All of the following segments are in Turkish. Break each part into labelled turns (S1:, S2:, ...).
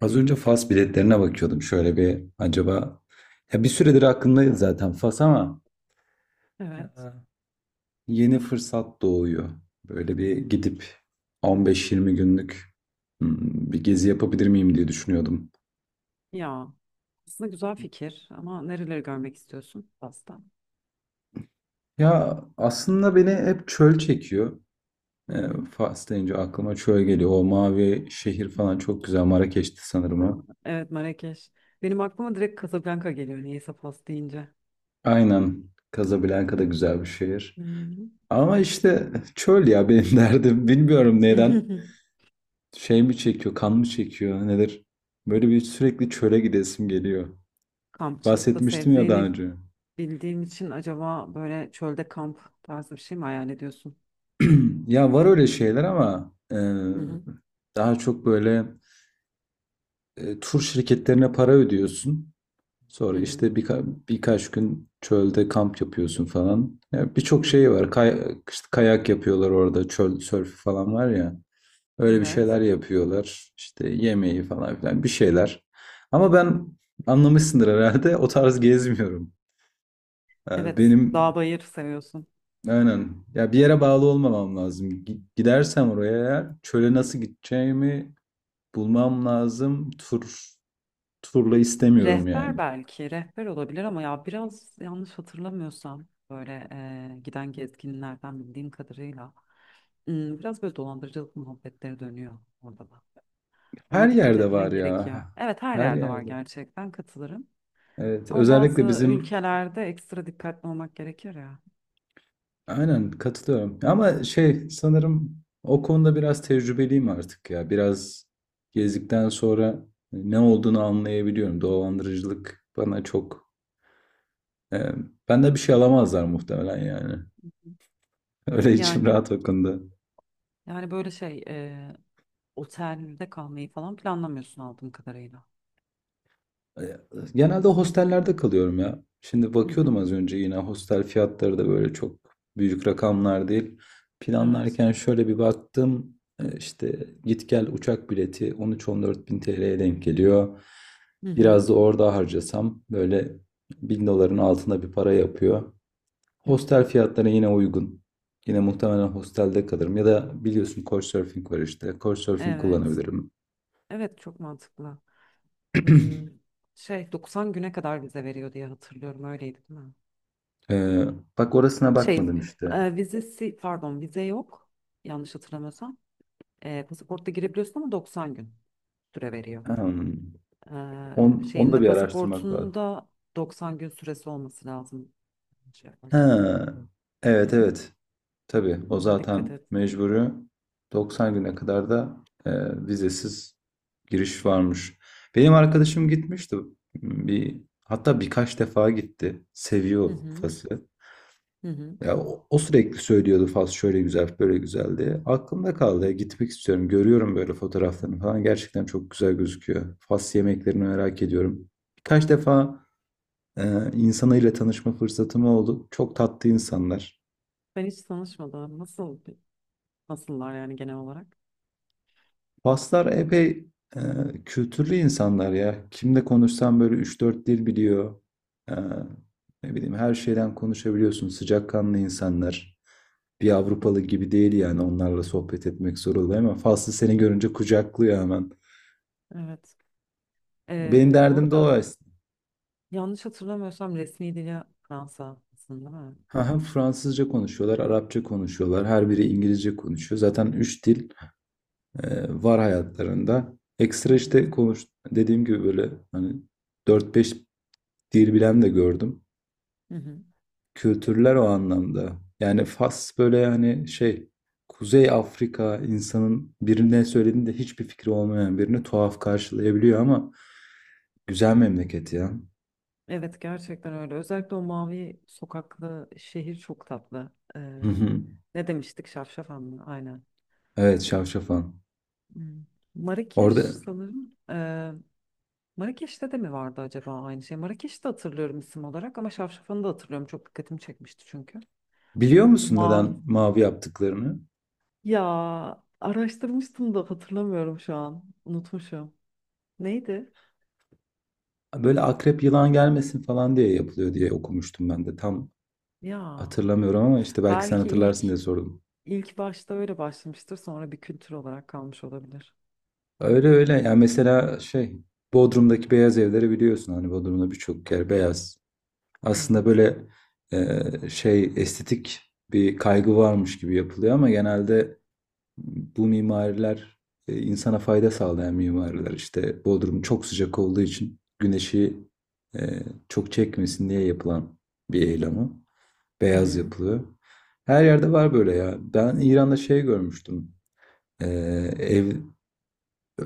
S1: Az önce Fas biletlerine bakıyordum. Şöyle bir acaba ya bir süredir aklımdaydı zaten Fas ama e,
S2: Evet.
S1: yeni fırsat doğuyor. Böyle bir gidip 15-20 günlük bir gezi yapabilir miyim diye düşünüyordum.
S2: Ya aslında güzel fikir ama nereleri görmek istiyorsun Fas'ta?
S1: Ya aslında beni hep çöl çekiyor.
S2: Hı
S1: E,
S2: hı.
S1: Fas deyince aklıma çöl geliyor. O mavi şehir falan çok güzel. Marrakeş'ti sanırım o.
S2: Evet, Marrakeş. Benim aklıma direkt Casablanca geliyor niyeyse Fas deyince.
S1: Aynen. Casablanca da güzel bir şehir.
S2: Hı
S1: Ama işte çöl ya benim derdim. Bilmiyorum neden.
S2: hı.
S1: Şey mi çekiyor, kan mı çekiyor, nedir? Böyle bir sürekli çöle gidesim geliyor.
S2: Kampçılıkta
S1: Bahsetmiştim ya daha
S2: sevdiğini
S1: önce.
S2: bildiğim için acaba böyle çölde kamp tarzı bir şey mi hayal ediyorsun?
S1: Ya var öyle şeyler ama
S2: Hı hı.
S1: daha çok böyle tur şirketlerine para ödüyorsun.
S2: Hı
S1: Sonra
S2: hı.
S1: işte birkaç gün çölde kamp yapıyorsun falan. Ya
S2: Hı
S1: birçok şey
S2: hı.
S1: var. Kay- işte kayak yapıyorlar orada, çöl sörfü falan var ya. Öyle bir
S2: Evet.
S1: şeyler yapıyorlar. İşte yemeği falan filan bir şeyler. Ama ben anlamışsındır herhalde o tarz gezmiyorum.
S2: Evet,
S1: Benim
S2: dağ bayır seviyorsun.
S1: aynen ya bir yere bağlı olmamam lazım. Gidersem oraya eğer çöle nasıl gideceğimi bulmam lazım. Turla istemiyorum
S2: Rehber
S1: yani.
S2: belki, rehber olabilir ama ya biraz yanlış hatırlamıyorsam böyle giden gezginlerden bildiğim kadarıyla biraz böyle dolandırıcılık muhabbetleri dönüyor orada da.
S1: Her
S2: Ona dikkat
S1: yerde
S2: etmen
S1: var ya.
S2: gerekiyor. Evet, her
S1: Her
S2: yerde var
S1: yerde.
S2: gerçekten, katılırım.
S1: Evet,
S2: Ama
S1: özellikle
S2: bazı
S1: bizim.
S2: ülkelerde ekstra dikkatli olmak gerekir ya.
S1: Aynen katılıyorum. Ama şey sanırım o konuda biraz tecrübeliyim artık ya. Biraz gezdikten sonra hani, ne olduğunu anlayabiliyorum. Dolandırıcılık bana çok... E, benden bir şey alamazlar muhtemelen yani. Öyle içim
S2: Yani
S1: rahat o konuda.
S2: yani böyle şey, otelde kalmayı falan planlamıyorsun aldığım kadarıyla.
S1: E, Genelde hostellerde kalıyorum ya. Şimdi
S2: Hı hı.
S1: bakıyordum az önce yine hostel fiyatları da böyle çok büyük rakamlar değil.
S2: Evet.
S1: Planlarken şöyle bir baktım. İşte git gel uçak bileti 13-14 bin TL'ye denk geliyor.
S2: Hı hı.
S1: Biraz da orada harcasam böyle 1.000 doların altında bir para yapıyor.
S2: Hı
S1: Hostel
S2: hı.
S1: fiyatları yine uygun. Yine muhtemelen hostelde kalırım. Ya da biliyorsun Couchsurfing var işte. Couchsurfing
S2: Evet.
S1: kullanabilirim.
S2: Evet, çok mantıklı. Hmm. Şey, 90 güne kadar vize veriyor diye hatırlıyorum. Öyleydi değil mi?
S1: Ee, bak orasına bakmadım
S2: Şey,
S1: işte.
S2: vizesi pardon, vize yok. Yanlış hatırlamıyorsam. Pasaportta girebiliyorsun ama 90 gün süre veriyor.
S1: Hmm.
S2: E,
S1: Onu
S2: şeyin de
S1: da bir araştırmak lazım.
S2: pasaportunda 90 gün süresi olması lazım, şey yaparken.
S1: Ha.
S2: Hı
S1: Evet
S2: hı.
S1: evet. Tabii o
S2: Ona dikkat
S1: zaten
S2: et.
S1: mecburi. 90 güne kadar da e, vizesiz giriş varmış. Benim arkadaşım gitmişti. Bir, hatta birkaç defa gitti.
S2: Hı
S1: Seviyor
S2: hı.
S1: Fas'ı.
S2: Hı hı.
S1: Ya, o sürekli söylüyordu Fas şöyle güzel böyle güzel diye. Aklımda kaldı. Ya, gitmek istiyorum. Görüyorum böyle fotoğraflarını falan. Gerçekten çok güzel gözüküyor. Fas yemeklerini merak ediyorum. Birkaç defa insanıyla tanışma fırsatım oldu. Çok tatlı insanlar.
S2: Ben hiç tanışmadım. Nasıllar yani genel olarak?
S1: Faslar epey e, kültürlü insanlar ya. Kimle konuşsam böyle üç dört dil biliyor. Ee, ne bileyim her şeyden konuşabiliyorsun. Sıcakkanlı insanlar. Bir
S2: Hı hı.
S1: Avrupalı gibi değil yani onlarla sohbet etmek zor oluyor ama Faslı seni görünce kucaklıyor hemen.
S2: Evet.
S1: Benim
S2: Bu
S1: derdim de o
S2: arada
S1: aslında.
S2: yanlış hatırlamıyorsam resmi dili Fransa aslında, değil mi?
S1: Ha, Fransızca konuşuyorlar, Arapça konuşuyorlar. Her biri İngilizce konuşuyor. Zaten üç dil var hayatlarında.
S2: Hı
S1: Ekstra
S2: hı.
S1: işte konuş dediğim gibi böyle hani dört beş dil bilen de gördüm.
S2: Hı hı.
S1: Kültürler o anlamda. Yani Fas böyle hani şey Kuzey Afrika insanın birine söylediğinde hiçbir fikri olmayan birini tuhaf karşılayabiliyor ama güzel memleket ya.
S2: Evet, gerçekten öyle. Özellikle o mavi sokaklı şehir çok tatlı.
S1: Hı hı.
S2: Ne demiştik? Şafşafan mı? Aynen.
S1: Evet Şavşafan.
S2: Hmm. Marrakeş
S1: Orada
S2: sanırım. Marrakeş'te de mi vardı acaba aynı şey? Marrakeş'te hatırlıyorum isim olarak ama Şafşafan'ı da hatırlıyorum. Çok dikkatimi çekmişti çünkü.
S1: biliyor
S2: O
S1: musun
S2: mavi.
S1: neden mavi yaptıklarını?
S2: Ya, araştırmıştım da hatırlamıyorum şu an. Unutmuşum. Neydi?
S1: Böyle akrep yılan gelmesin falan diye yapılıyor diye okumuştum ben de. Tam
S2: Ya,
S1: hatırlamıyorum ama işte belki sen
S2: belki ilk
S1: hatırlarsın diye sordum.
S2: ilk başta öyle başlamıştır, sonra bir kültür olarak kalmış olabilir.
S1: Öyle öyle. Yani mesela şey Bodrum'daki beyaz evleri biliyorsun. Hani Bodrum'da birçok yer beyaz. Aslında
S2: Evet.
S1: böyle şey estetik bir kaygı varmış gibi yapılıyor ama genelde bu mimariler insana fayda sağlayan mimariler. İşte Bodrum çok sıcak olduğu için güneşi e, çok çekmesin diye yapılan bir eylemi.
S2: Hı
S1: Beyaz
S2: hı.
S1: yapılıyor. Her yerde var böyle ya. Ben İran'da şey görmüştüm. Ee, ev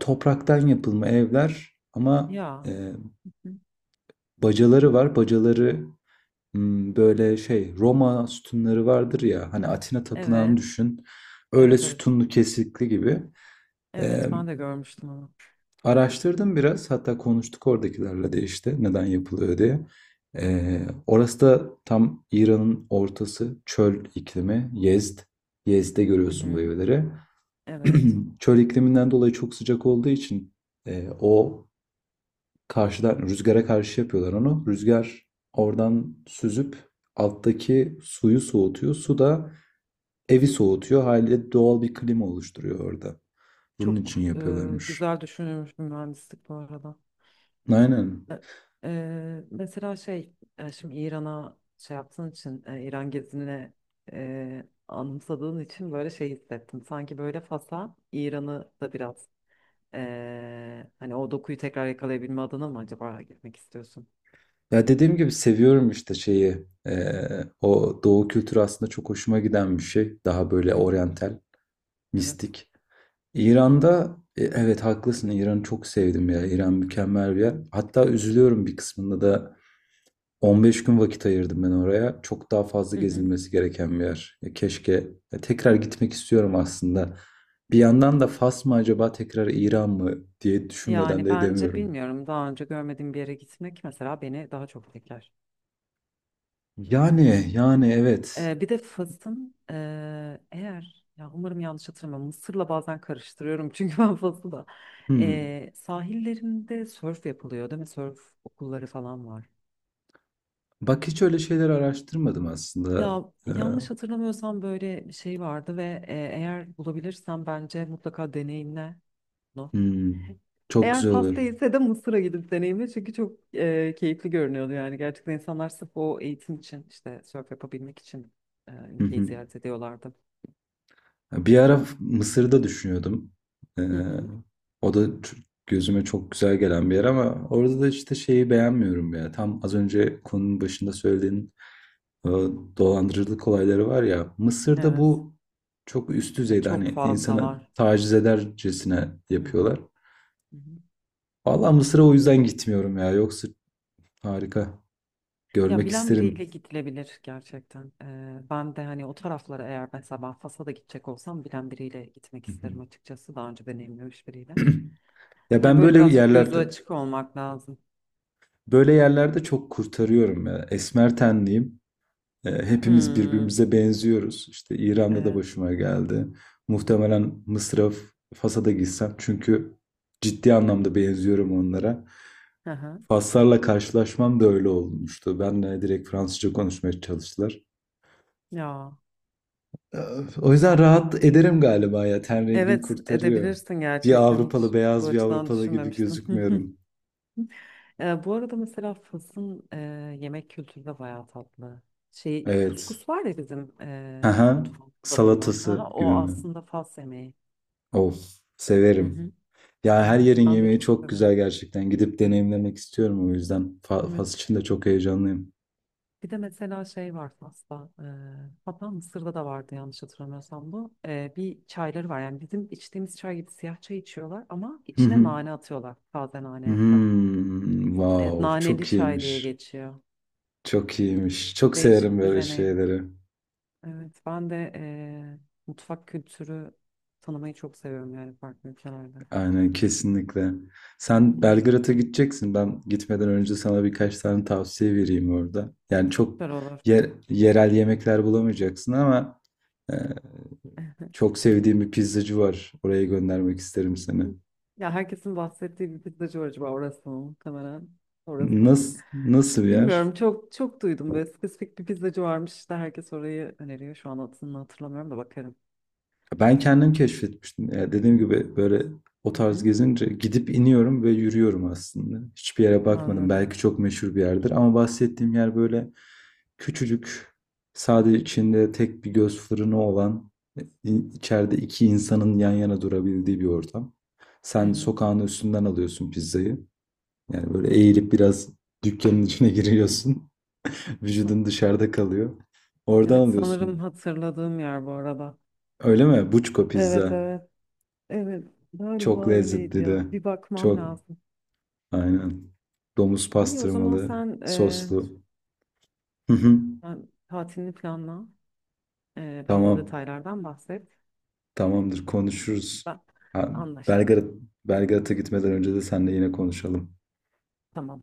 S1: Topraktan yapılma evler ama
S2: Ya.
S1: e,
S2: Hı.
S1: bacaları var. Bacaları böyle şey Roma sütunları vardır ya hani Atina tapınağını
S2: Evet.
S1: düşün. Öyle
S2: Evet, evet.
S1: sütunlu kesikli gibi.
S2: Evet,
S1: Ee,
S2: ben de görmüştüm onu.
S1: araştırdım biraz hatta konuştuk oradakilerle de işte neden yapılıyor diye. Orası da tam İran'ın ortası çöl iklimi Yezd. Yezd'de
S2: Hı
S1: görüyorsun bu
S2: hı.
S1: evleri.
S2: Evet.
S1: Çöl ikliminden dolayı çok sıcak olduğu için o karşıdan rüzgâra karşı yapıyorlar onu. Rüzgar oradan süzüp alttaki suyu soğutuyor. Su da evi soğutuyor. Haliyle doğal bir klima oluşturuyor orada. Bunun
S2: Çok
S1: için yapıyorlarmış.
S2: güzel düşünülmüş bir mühendislik bu arada.
S1: Aynen.
S2: E, Mesela şey, şimdi İran'a şey yaptığın için, İran gezine anımsadığın için böyle şey hissettim. Sanki böyle Fas'a İran'ı da biraz. Hani o dokuyu tekrar yakalayabilme adına mı acaba gitmek istiyorsun?
S1: Ya dediğim gibi seviyorum işte şeyi. O doğu kültürü aslında çok hoşuma giden bir şey. Daha böyle
S2: Hı hı.
S1: oryantal,
S2: Evet.
S1: mistik. İran'da evet haklısın. İran'ı çok sevdim ya. İran mükemmel bir yer. Hatta üzülüyorum bir kısmında da 15 gün vakit ayırdım ben oraya. Çok daha fazla
S2: Hı hı.
S1: gezilmesi gereken bir yer. Ya keşke ya tekrar gitmek istiyorum aslında. Bir yandan da Fas mı acaba tekrar İran mı diye düşünmeden
S2: Yani
S1: de
S2: bence,
S1: edemiyorum.
S2: bilmiyorum, daha önce görmediğim bir yere gitmek mesela beni daha çok etkiler.
S1: Yani evet.
S2: Bir de Fas'ın eğer, ya umarım yanlış hatırlamam, Mısır'la bazen karıştırıyorum çünkü ben Fas'ı da.
S1: Hmm.
S2: Sahillerinde sörf yapılıyor değil mi? Sörf okulları falan var.
S1: Bak hiç öyle şeyler araştırmadım aslında.
S2: Ya,
S1: Ee,
S2: yanlış hatırlamıyorsam böyle bir şey vardı ve eğer bulabilirsem bence mutlaka deneyimle bunu.
S1: hmm. Çok
S2: Eğer
S1: güzel
S2: Fas
S1: olur.
S2: değilse de Mısır'a gidip deneyimle, çünkü çok keyifli görünüyordu. Yani gerçekten insanlar sırf o eğitim için, işte sörf yapabilmek için ülkeyi ziyaret ediyorlardı.
S1: Bir ara Mısır'da düşünüyordum. Ee,
S2: Hı hı.
S1: o da gözüme çok güzel gelen bir yer ama orada da işte şeyi beğenmiyorum ya. Tam az önce konunun başında söylediğin e, dolandırıcılık olayları var ya. Mısır'da
S2: Evet.
S1: bu çok üst
S2: Ve
S1: düzeyde
S2: çok
S1: hani
S2: fazla
S1: insana
S2: var.
S1: taciz edercesine
S2: Hı hı.
S1: yapıyorlar.
S2: Hı hı.
S1: Valla Mısır'a o yüzden gitmiyorum ya. Yoksa harika.
S2: Ya,
S1: Görmek
S2: bilen biriyle
S1: isterim.
S2: gidilebilir gerçekten. E, ben de hani o taraflara, eğer mesela ben Fas'a da gidecek olsam, bilen biriyle gitmek isterim açıkçası, daha önce deneyimlemiş biriyle.
S1: Ya
S2: Hani
S1: ben
S2: böyle
S1: böyle
S2: birazcık gözü
S1: yerlerde
S2: açık olmak lazım.
S1: böyle yerlerde çok kurtarıyorum ya. Esmer tenliyim. Hepimiz
S2: Hmm,
S1: birbirimize benziyoruz. İşte İran'da da
S2: evet.
S1: başıma geldi. Muhtemelen Mısır'a, Fas'a da gitsem çünkü ciddi anlamda benziyorum onlara.
S2: Hı hı.
S1: Faslarla karşılaşmam da öyle olmuştu. Benle direkt Fransızca konuşmaya çalıştılar.
S2: Ya.
S1: E, O yüzden rahat ederim galiba ya. Ten rengim
S2: Evet,
S1: kurtarıyor.
S2: edebilirsin
S1: Bir
S2: gerçekten, hiç
S1: Avrupalı,
S2: bu
S1: beyaz bir
S2: açıdan
S1: Avrupalı gibi
S2: düşünmemiştim.
S1: gözükmüyorum.
S2: Bu arada mesela Fas'ın yemek kültürü de bayağı tatlı. Şey,
S1: Evet.
S2: kuskus var ya bizim
S1: Aha.
S2: mutfağımızda da olan. Ha,
S1: Salatası gibi
S2: o
S1: mi?
S2: aslında Fas yemeği.
S1: Of,
S2: Hı
S1: severim.
S2: hı.
S1: Ya her
S2: Evet,
S1: yerin
S2: ben de
S1: yemeği
S2: çok
S1: çok güzel
S2: severim.
S1: gerçekten. Gidip deneyimlemek istiyorum o yüzden. Fas
S2: Evet.
S1: için de çok heyecanlıyım.
S2: Bir de mesela şey var Fas'ta. E, hatta Mısır'da da vardı yanlış hatırlamıyorsam bu. E, bir çayları var, yani bizim içtiğimiz çay gibi siyah çay içiyorlar ama
S1: Hı
S2: içine
S1: hı.
S2: nane atıyorlar. Taze nane yaprağı. Evet,
S1: Wow,
S2: naneli
S1: çok
S2: çay diye
S1: iyiymiş.
S2: geçiyor.
S1: Çok iyiymiş. Çok severim
S2: Değişik bir
S1: böyle
S2: deneyim.
S1: şeyleri.
S2: Evet, ben de mutfak kültürü tanımayı çok seviyorum yani, farklı ülkelerde.
S1: Aynen kesinlikle.
S2: Hı
S1: Sen
S2: hı.
S1: Belgrad'a gideceksin. Ben gitmeden önce sana birkaç tane tavsiye vereyim orada. Yani çok
S2: Süper olur.
S1: yerel yemekler bulamayacaksın ama e, çok sevdiğim bir pizzacı var. Oraya göndermek isterim seni.
S2: Ya, herkesin bahsettiği bir pizzacı var, acaba orası mı? Muhtemelen orası.
S1: Nasıl bir yer?
S2: Bilmiyorum, çok çok duydum böyle spesifik bir pizzacı varmış, işte herkes orayı öneriyor. Şu an adını hatırlamıyorum da, bakarım.
S1: Ben kendim keşfetmiştim. Ya dediğim gibi böyle o
S2: Hı
S1: tarz
S2: hı.
S1: gezince gidip iniyorum ve yürüyorum aslında. Hiçbir yere bakmadım.
S2: Anladım.
S1: Belki çok meşhur bir yerdir ama bahsettiğim yer böyle küçücük, sadece içinde tek bir göz fırını olan, e, içeride iki insanın yan yana durabildiği bir ortam.
S2: Hı
S1: Sen
S2: hı.
S1: sokağın üstünden alıyorsun pizzayı. Yani böyle eğilip biraz dükkanın içine giriyorsun. Vücudun dışarıda kalıyor. Oradan
S2: Evet, sanırım
S1: alıyorsun.
S2: hatırladığım yer bu arada.
S1: Öyle mi? Buçko
S2: Evet,
S1: pizza.
S2: evet. Evet,
S1: Çok
S2: galiba öyleydi
S1: lezzetli de,
S2: ya. Bir bakmam
S1: çok
S2: lazım.
S1: aynen. Domuz
S2: İyi, o zaman
S1: pastırmalı,
S2: sen,
S1: soslu. Hı hı.
S2: sen tatilini planla. E, bana da
S1: Tamam.
S2: detaylardan bahset.
S1: Tamamdır konuşuruz.
S2: Ben,
S1: Ha,
S2: anlaştık.
S1: Belgrad Belgrad'a gitmeden önce de seninle yine konuşalım.
S2: Tamam.